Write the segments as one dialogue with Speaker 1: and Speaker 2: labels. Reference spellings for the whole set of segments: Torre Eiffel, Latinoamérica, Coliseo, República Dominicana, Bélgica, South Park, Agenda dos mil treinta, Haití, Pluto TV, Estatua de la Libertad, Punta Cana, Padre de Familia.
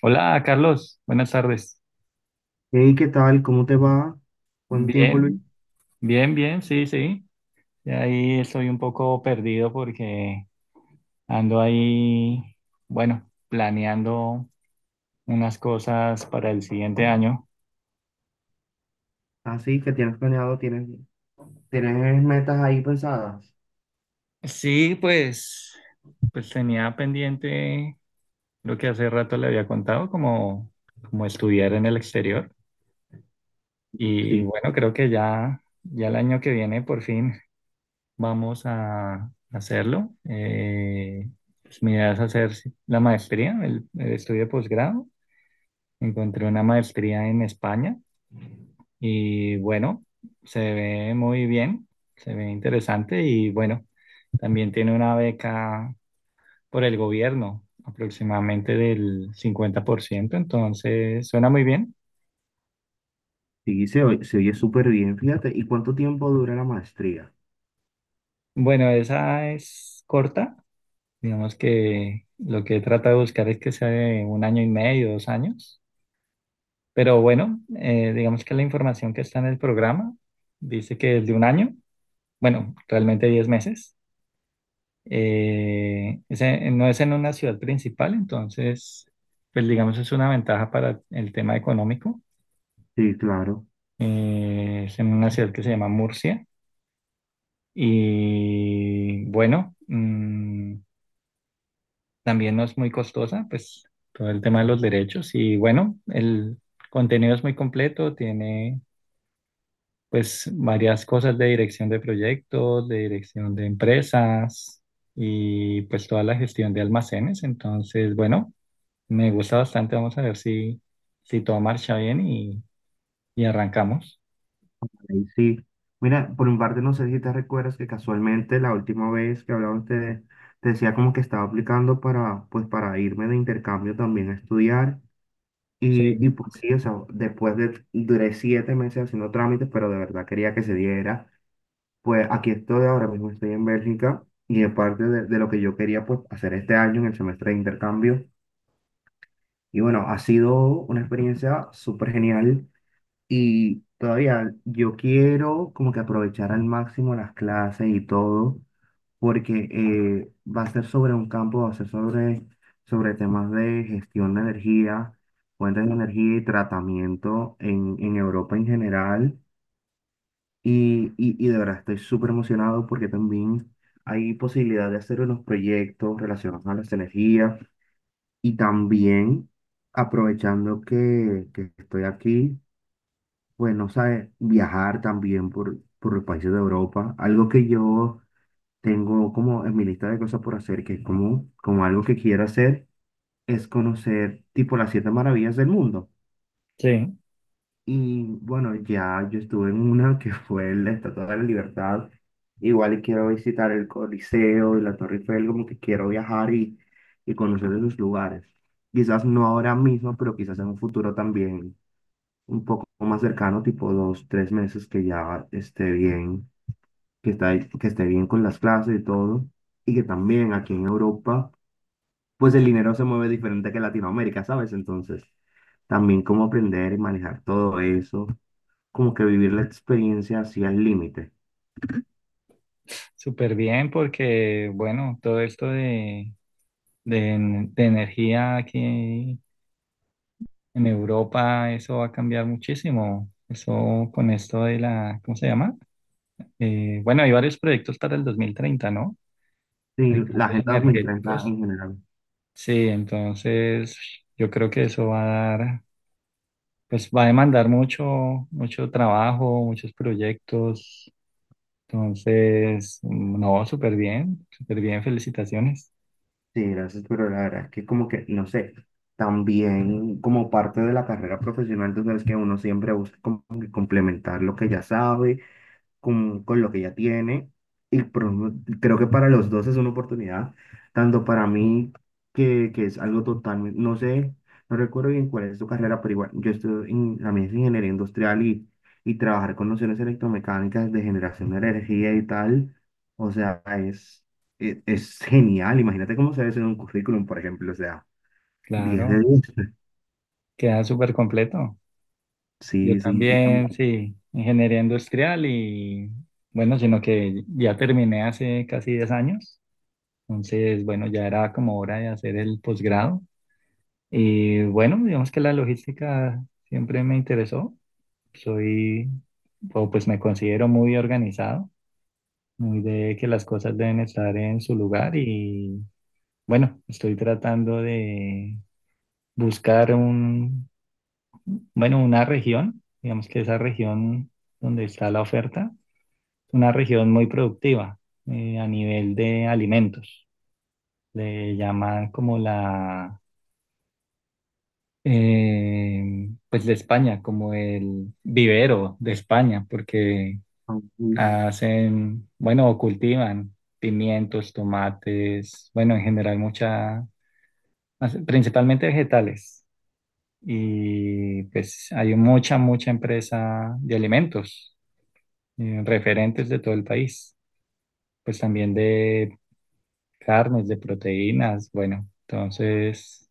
Speaker 1: Hola, Carlos. Buenas tardes.
Speaker 2: Hey, ¿qué tal? ¿Cómo te va? ¿Cuánto tiempo, Luis?
Speaker 1: Bien, bien, bien, sí, sí. Y ahí estoy un poco perdido porque ando ahí, bueno, planeando unas cosas para el siguiente año.
Speaker 2: Así que tienes planeado, tienes metas ahí pensadas.
Speaker 1: Sí, pues tenía pendiente lo que hace rato le había contado, como estudiar en el exterior. Y
Speaker 2: Sí,
Speaker 1: bueno, creo que ya el año que viene por fin. Vamos a hacerlo. Pues mi idea es hacer la maestría, el estudio de posgrado. Encontré una maestría en España y bueno, se ve muy bien, se ve interesante y bueno, también tiene una beca por el gobierno, aproximadamente del 50%. Entonces suena muy bien.
Speaker 2: sí, se oye súper bien, fíjate. ¿Y cuánto tiempo dura la maestría?
Speaker 1: Bueno, esa es corta, digamos que lo que he tratado de buscar es que sea de 1 año y medio, 2 años. Pero bueno, digamos que la información que está en el programa dice que es de 1 año, bueno, realmente 10 meses. No es en una ciudad principal, entonces, pues digamos es una ventaja para el tema económico.
Speaker 2: Sí, claro.
Speaker 1: Es en una ciudad que se llama Murcia y bueno, también no es muy costosa, pues todo el tema de los derechos y bueno, el contenido es muy completo, tiene pues varias cosas de dirección de proyectos, de dirección de empresas y pues toda la gestión de almacenes. Entonces, bueno, me gusta bastante. Vamos a ver si todo marcha bien y arrancamos.
Speaker 2: Ahí sí. Mira, por mi parte, no sé si te recuerdas que casualmente la última vez que hablamos te decía como que estaba aplicando para, pues, para irme de intercambio también a estudiar.
Speaker 1: Sí,
Speaker 2: Y pues sí, o sea, después de, duré 7 meses haciendo trámites, pero de verdad quería que se diera. Pues aquí estoy ahora mismo, estoy en Bélgica y es parte de lo que yo quería pues, hacer este año en el semestre de intercambio. Y bueno, ha sido una experiencia súper genial y todavía yo quiero como que aprovechar al máximo las clases y todo, porque va a ser sobre un campo, va a ser sobre temas de gestión de energía, fuentes de energía y tratamiento en Europa en general. Y de verdad estoy súper emocionado porque también hay posibilidad de hacer unos proyectos relacionados a las energías y también aprovechando que estoy aquí, pues no sabes, viajar también por los países de Europa, algo que yo tengo como en mi lista de cosas por hacer, que es como algo que quiero hacer, es conocer tipo las siete maravillas del mundo.
Speaker 1: sí,
Speaker 2: Y bueno, ya yo estuve en una que fue la Estatua de la Libertad. Igual y quiero visitar el Coliseo y la Torre Eiffel, como que quiero viajar y conocer esos lugares. Quizás no ahora mismo, pero quizás en un futuro también un poco más cercano, tipo dos, tres meses que ya esté bien, que esté bien con las clases y todo. Y que también aquí en Europa, pues el dinero se mueve diferente que en Latinoamérica, ¿sabes? Entonces, también cómo aprender y manejar todo eso como que vivir la experiencia así al límite.
Speaker 1: súper bien porque, bueno, todo esto de energía aquí en Europa, eso va a cambiar muchísimo. Eso con esto de la, ¿cómo se llama? Bueno, hay varios proyectos para el 2030, ¿no?
Speaker 2: Sí,
Speaker 1: De
Speaker 2: la
Speaker 1: cambios
Speaker 2: Agenda 2030
Speaker 1: energéticos.
Speaker 2: en general.
Speaker 1: Sí, entonces yo creo que eso va a dar, pues va a demandar mucho, mucho trabajo, muchos proyectos. Entonces, no, súper bien, felicitaciones.
Speaker 2: Sí, gracias, pero la verdad es que como que, no sé, también como parte de la carrera profesional, tú sabes que uno siempre busca como que complementar lo que ya sabe con lo que ya tiene. Y pro- Creo que para los dos es una oportunidad, tanto para mí, que es algo totalmente, no sé, no recuerdo bien cuál es tu carrera, pero igual yo estoy en la mía ingeniería industrial y trabajar con nociones electromecánicas de generación de energía y tal, o sea, es genial. Imagínate cómo se ve eso en un currículum, por ejemplo, o sea, 10 de
Speaker 1: Claro,
Speaker 2: 10.
Speaker 1: queda súper completo. Yo
Speaker 2: Sí, sí, y
Speaker 1: también, sí, ingeniería industrial y bueno, sino que ya terminé hace casi 10 años. Entonces, bueno, ya era como hora de hacer el posgrado. Y bueno, digamos que la logística siempre me interesó. Soy, o pues me considero muy organizado, muy de que las cosas deben estar en su lugar y bueno, estoy tratando de buscar bueno, una región, digamos que esa región donde está la oferta, una región muy productiva a nivel de alimentos. Le llaman como la pues de España, como el vivero de España, porque
Speaker 2: también.
Speaker 1: hacen, bueno, o cultivan pimientos, tomates, bueno, en general mucha, principalmente vegetales. Y pues hay mucha, mucha empresa de alimentos, referentes de todo el país, pues también de carnes, de proteínas, bueno, entonces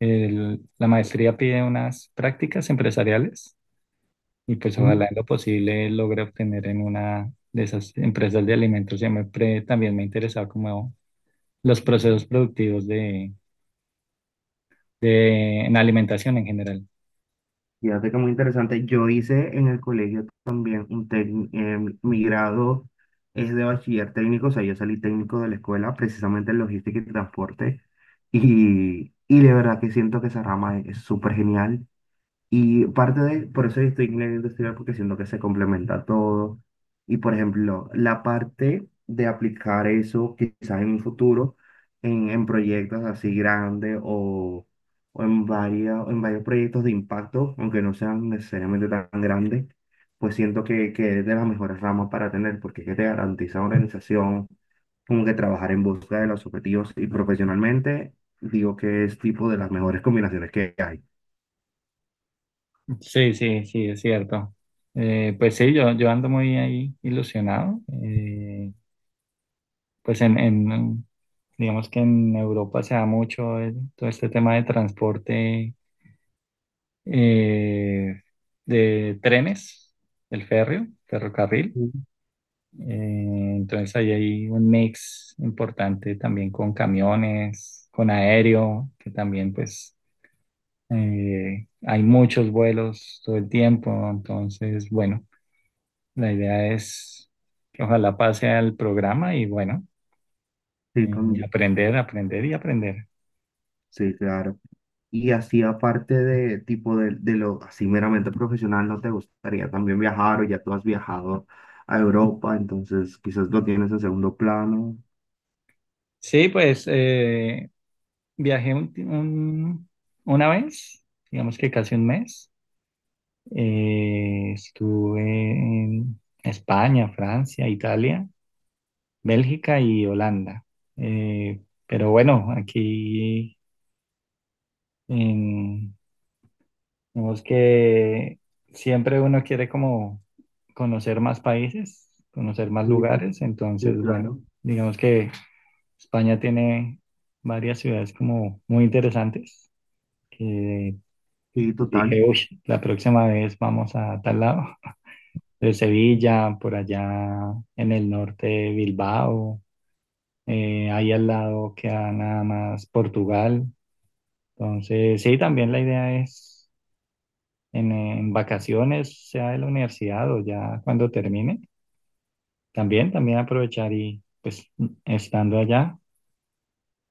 Speaker 1: la maestría pide unas prácticas empresariales. Y pues ojalá en lo posible logre obtener en una de esas empresas de alimentos. Siempre también me interesaba como los procesos productivos de, en alimentación en general.
Speaker 2: Fíjate que muy interesante. Yo hice en el colegio también un técnico, mi grado es de bachiller técnico, o sea, yo salí técnico de la escuela precisamente en logística y transporte. Y de verdad que siento que esa rama es súper genial. Y parte de, por eso yo estoy en ingeniería industrial, porque siento que se complementa todo. Y por ejemplo, la parte de aplicar eso quizás en un futuro, en proyectos así grandes o, en varios proyectos de impacto, aunque no sean necesariamente tan grandes, pues siento que es de las mejores ramas para tener, porque es que te garantiza organización, como que trabajar en busca de los objetivos y profesionalmente, digo que es tipo de las mejores combinaciones que hay.
Speaker 1: Sí, sí, sí, es cierto. Pues sí, yo ando muy ahí ilusionado. Pues digamos que en Europa se da mucho todo este tema de transporte eh, de trenes, el férreo, ferrocarril.
Speaker 2: Mm.
Speaker 1: Entonces ahí hay un mix importante también con camiones, con aéreo, que también pues hay muchos vuelos todo el tiempo. Entonces, bueno, la idea es que ojalá pase al programa y bueno,
Speaker 2: Sí,
Speaker 1: eh, aprender, aprender y aprender.
Speaker 2: Sí, claro. Y así aparte de tipo de lo así meramente profesional, ¿no te gustaría también viajar o ya tú has viajado a Europa? Entonces quizás lo tienes en segundo plano.
Speaker 1: Sí, pues viajé una vez, digamos que casi 1 mes. Estuve en España, Francia, Italia, Bélgica y Holanda. Eh, pero bueno, aquí en- vemos que siempre uno quiere como conocer más países, conocer más
Speaker 2: Sí, sí,
Speaker 1: lugares,
Speaker 2: sí,
Speaker 1: entonces bueno,
Speaker 2: claro.
Speaker 1: digamos que España tiene varias ciudades como muy interesantes que
Speaker 2: Sí, total.
Speaker 1: dije, uy, la próxima vez vamos a tal lado. De Sevilla, por allá en el norte, Bilbao, ahí al lado queda nada más Portugal. Entonces, sí, también la idea es en vacaciones, sea de la universidad o ya cuando termine, también, también aprovechar y pues estando allá,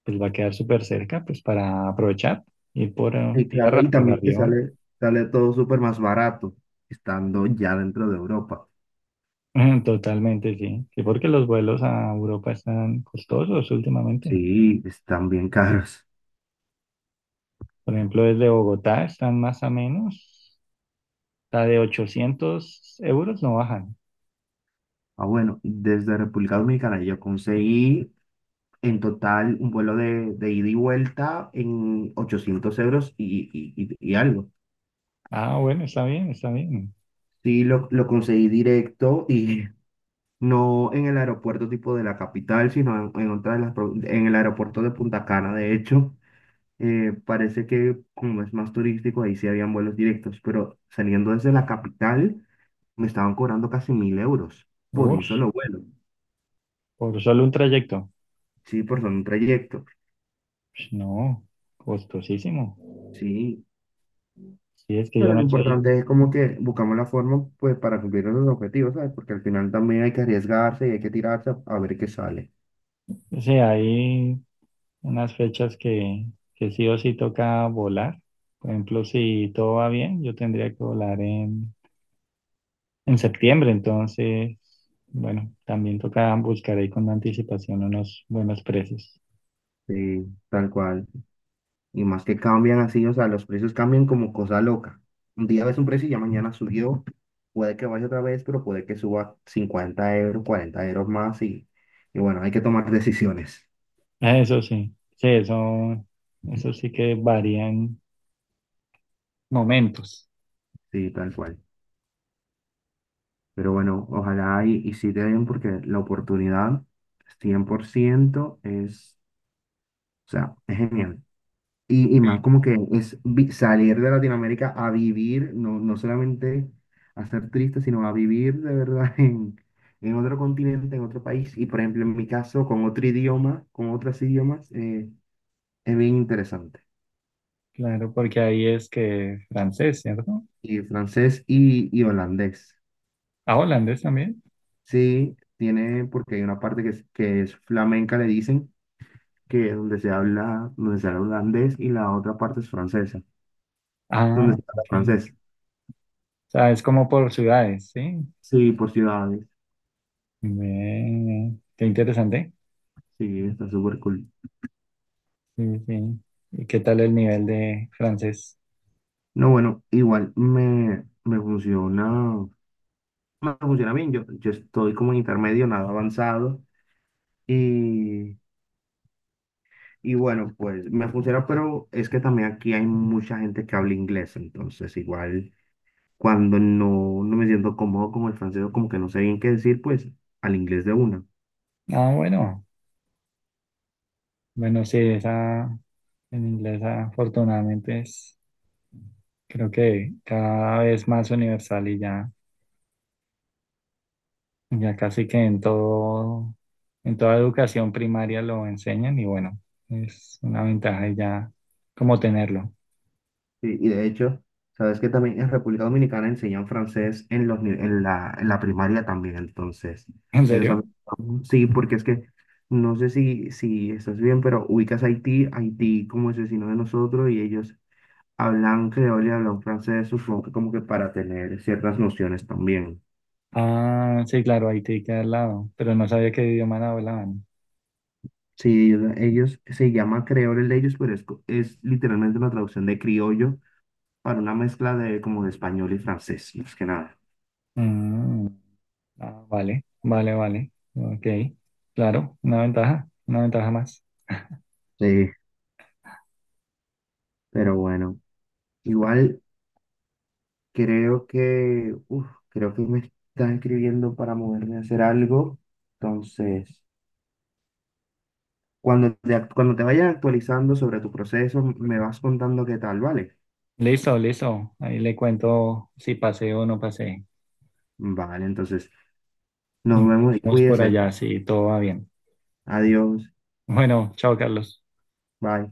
Speaker 1: pues va a quedar súper cerca, pues para aprovechar, ir por
Speaker 2: Sí,
Speaker 1: tierra,
Speaker 2: claro. Y
Speaker 1: por
Speaker 2: también que
Speaker 1: avión.
Speaker 2: sale, sale todo súper más barato estando ya dentro de Europa.
Speaker 1: Totalmente, sí. Sí, porque los vuelos a Europa están costosos últimamente.
Speaker 2: Sí, están bien caros.
Speaker 1: Por ejemplo, desde Bogotá están más o menos, la de 800 € no bajan.
Speaker 2: Ah, bueno, desde República Dominicana yo conseguí. En total, un vuelo de ida y vuelta en 800 euros y algo.
Speaker 1: Ah, bueno, está bien, está bien.
Speaker 2: Sí, lo conseguí directo y no en el aeropuerto tipo de la capital, sino en otra de las, en el aeropuerto de Punta Cana, de hecho. Parece que como es más turístico, ahí sí habían vuelos directos, pero saliendo desde la capital me estaban cobrando casi 1000 euros por un
Speaker 1: Uy,
Speaker 2: solo vuelo,
Speaker 1: por solo un trayecto.
Speaker 2: sí, por solo un trayecto.
Speaker 1: Pues no, costosísimo.
Speaker 2: Sí,
Speaker 1: Sí, es que yo
Speaker 2: pero
Speaker 1: no
Speaker 2: lo
Speaker 1: sé,
Speaker 2: importante es como que buscamos la forma pues para cumplir esos objetivos, ¿sabes? Porque al final también hay que arriesgarse y hay que tirarse a ver qué sale.
Speaker 1: o sea, hay unas fechas que sí o sí toca volar. Por ejemplo, si todo va bien, yo tendría que volar en septiembre, entonces, bueno, también toca buscar ahí con anticipación unos buenos precios.
Speaker 2: Sí, tal cual. Y más que cambian así, o sea, los precios cambian como cosa loca. Un día ves un precio y ya mañana subió. Puede que vaya otra vez, pero puede que suba 50 euros, 40 euros más y bueno, hay que tomar decisiones.
Speaker 1: Ah, eso sí, sí, eso sí que varían momentos.
Speaker 2: Sí, tal cual. Pero bueno, ojalá y sí te den porque la oportunidad 100% es, o sea, es genial. Y más como que es salir de Latinoamérica a vivir, no, no solamente a ser triste, sino a vivir de verdad en otro continente, en otro país. Y por ejemplo, en mi caso, con otro idioma, con otros idiomas, es bien interesante.
Speaker 1: Claro, porque ahí es que francés, ¿cierto?
Speaker 2: Y francés y holandés.
Speaker 1: Ah, holandés también.
Speaker 2: Sí, tiene, porque hay una parte que es flamenca, le dicen, que es donde se habla holandés y la otra parte es francesa, donde
Speaker 1: Ah,
Speaker 2: se habla
Speaker 1: ok.
Speaker 2: francés.
Speaker 1: O sea, es como por ciudades, ¿sí?
Speaker 2: Sí, por ciudades.
Speaker 1: Ve, qué interesante.
Speaker 2: Sí, está súper cool.
Speaker 1: Sí, sí. ¿Y qué tal el nivel de francés?
Speaker 2: No, bueno, igual me funciona, me funciona bien. Yo estoy como en intermedio, nada avanzado. Y, y bueno, pues me funciona, pero es que también aquí hay mucha gente que habla inglés. Entonces, igual cuando no, no me siento cómodo con el francés, o como que no sé bien qué decir, pues al inglés de una.
Speaker 1: Ah, bueno. Bueno, sí, esa en inglés afortunadamente es, creo que cada vez más universal y ya, ya casi que en todo, en toda educación primaria lo enseñan y bueno, es una ventaja y ya como tenerlo.
Speaker 2: Sí, y de hecho, sabes que también en República Dominicana enseñan francés en los, ni- en la primaria también, entonces,
Speaker 1: ¿En serio?
Speaker 2: eso también. Sí, porque es que no sé si estás bien, pero ubicas Haití, Haití como es vecino de nosotros y ellos hablan creol y hablan francés, supongo que como que para tener ciertas nociones también.
Speaker 1: Ah, sí, claro, Haití queda al lado, pero no sabía qué idioma hablaban.
Speaker 2: Sí, se llama creol el de ellos, pero es literalmente una traducción de criollo para una mezcla de como de español y francés, más que nada.
Speaker 1: Mm. Ah, vale, vale, vale. Ok, claro, una ventaja más.
Speaker 2: Sí, pero bueno. Igual creo que, uf, creo que me están escribiendo para moverme a hacer algo. Entonces, cuando te vayan actualizando sobre tu proceso, me vas contando qué tal, ¿vale?
Speaker 1: Listo, listo. Ahí le cuento si pasé o no pasé.
Speaker 2: Vale, entonces,
Speaker 1: Y
Speaker 2: nos
Speaker 1: nos
Speaker 2: vemos y
Speaker 1: vemos por
Speaker 2: cuídese.
Speaker 1: allá si todo va bien.
Speaker 2: Adiós.
Speaker 1: Bueno, chao, Carlos.
Speaker 2: Bye.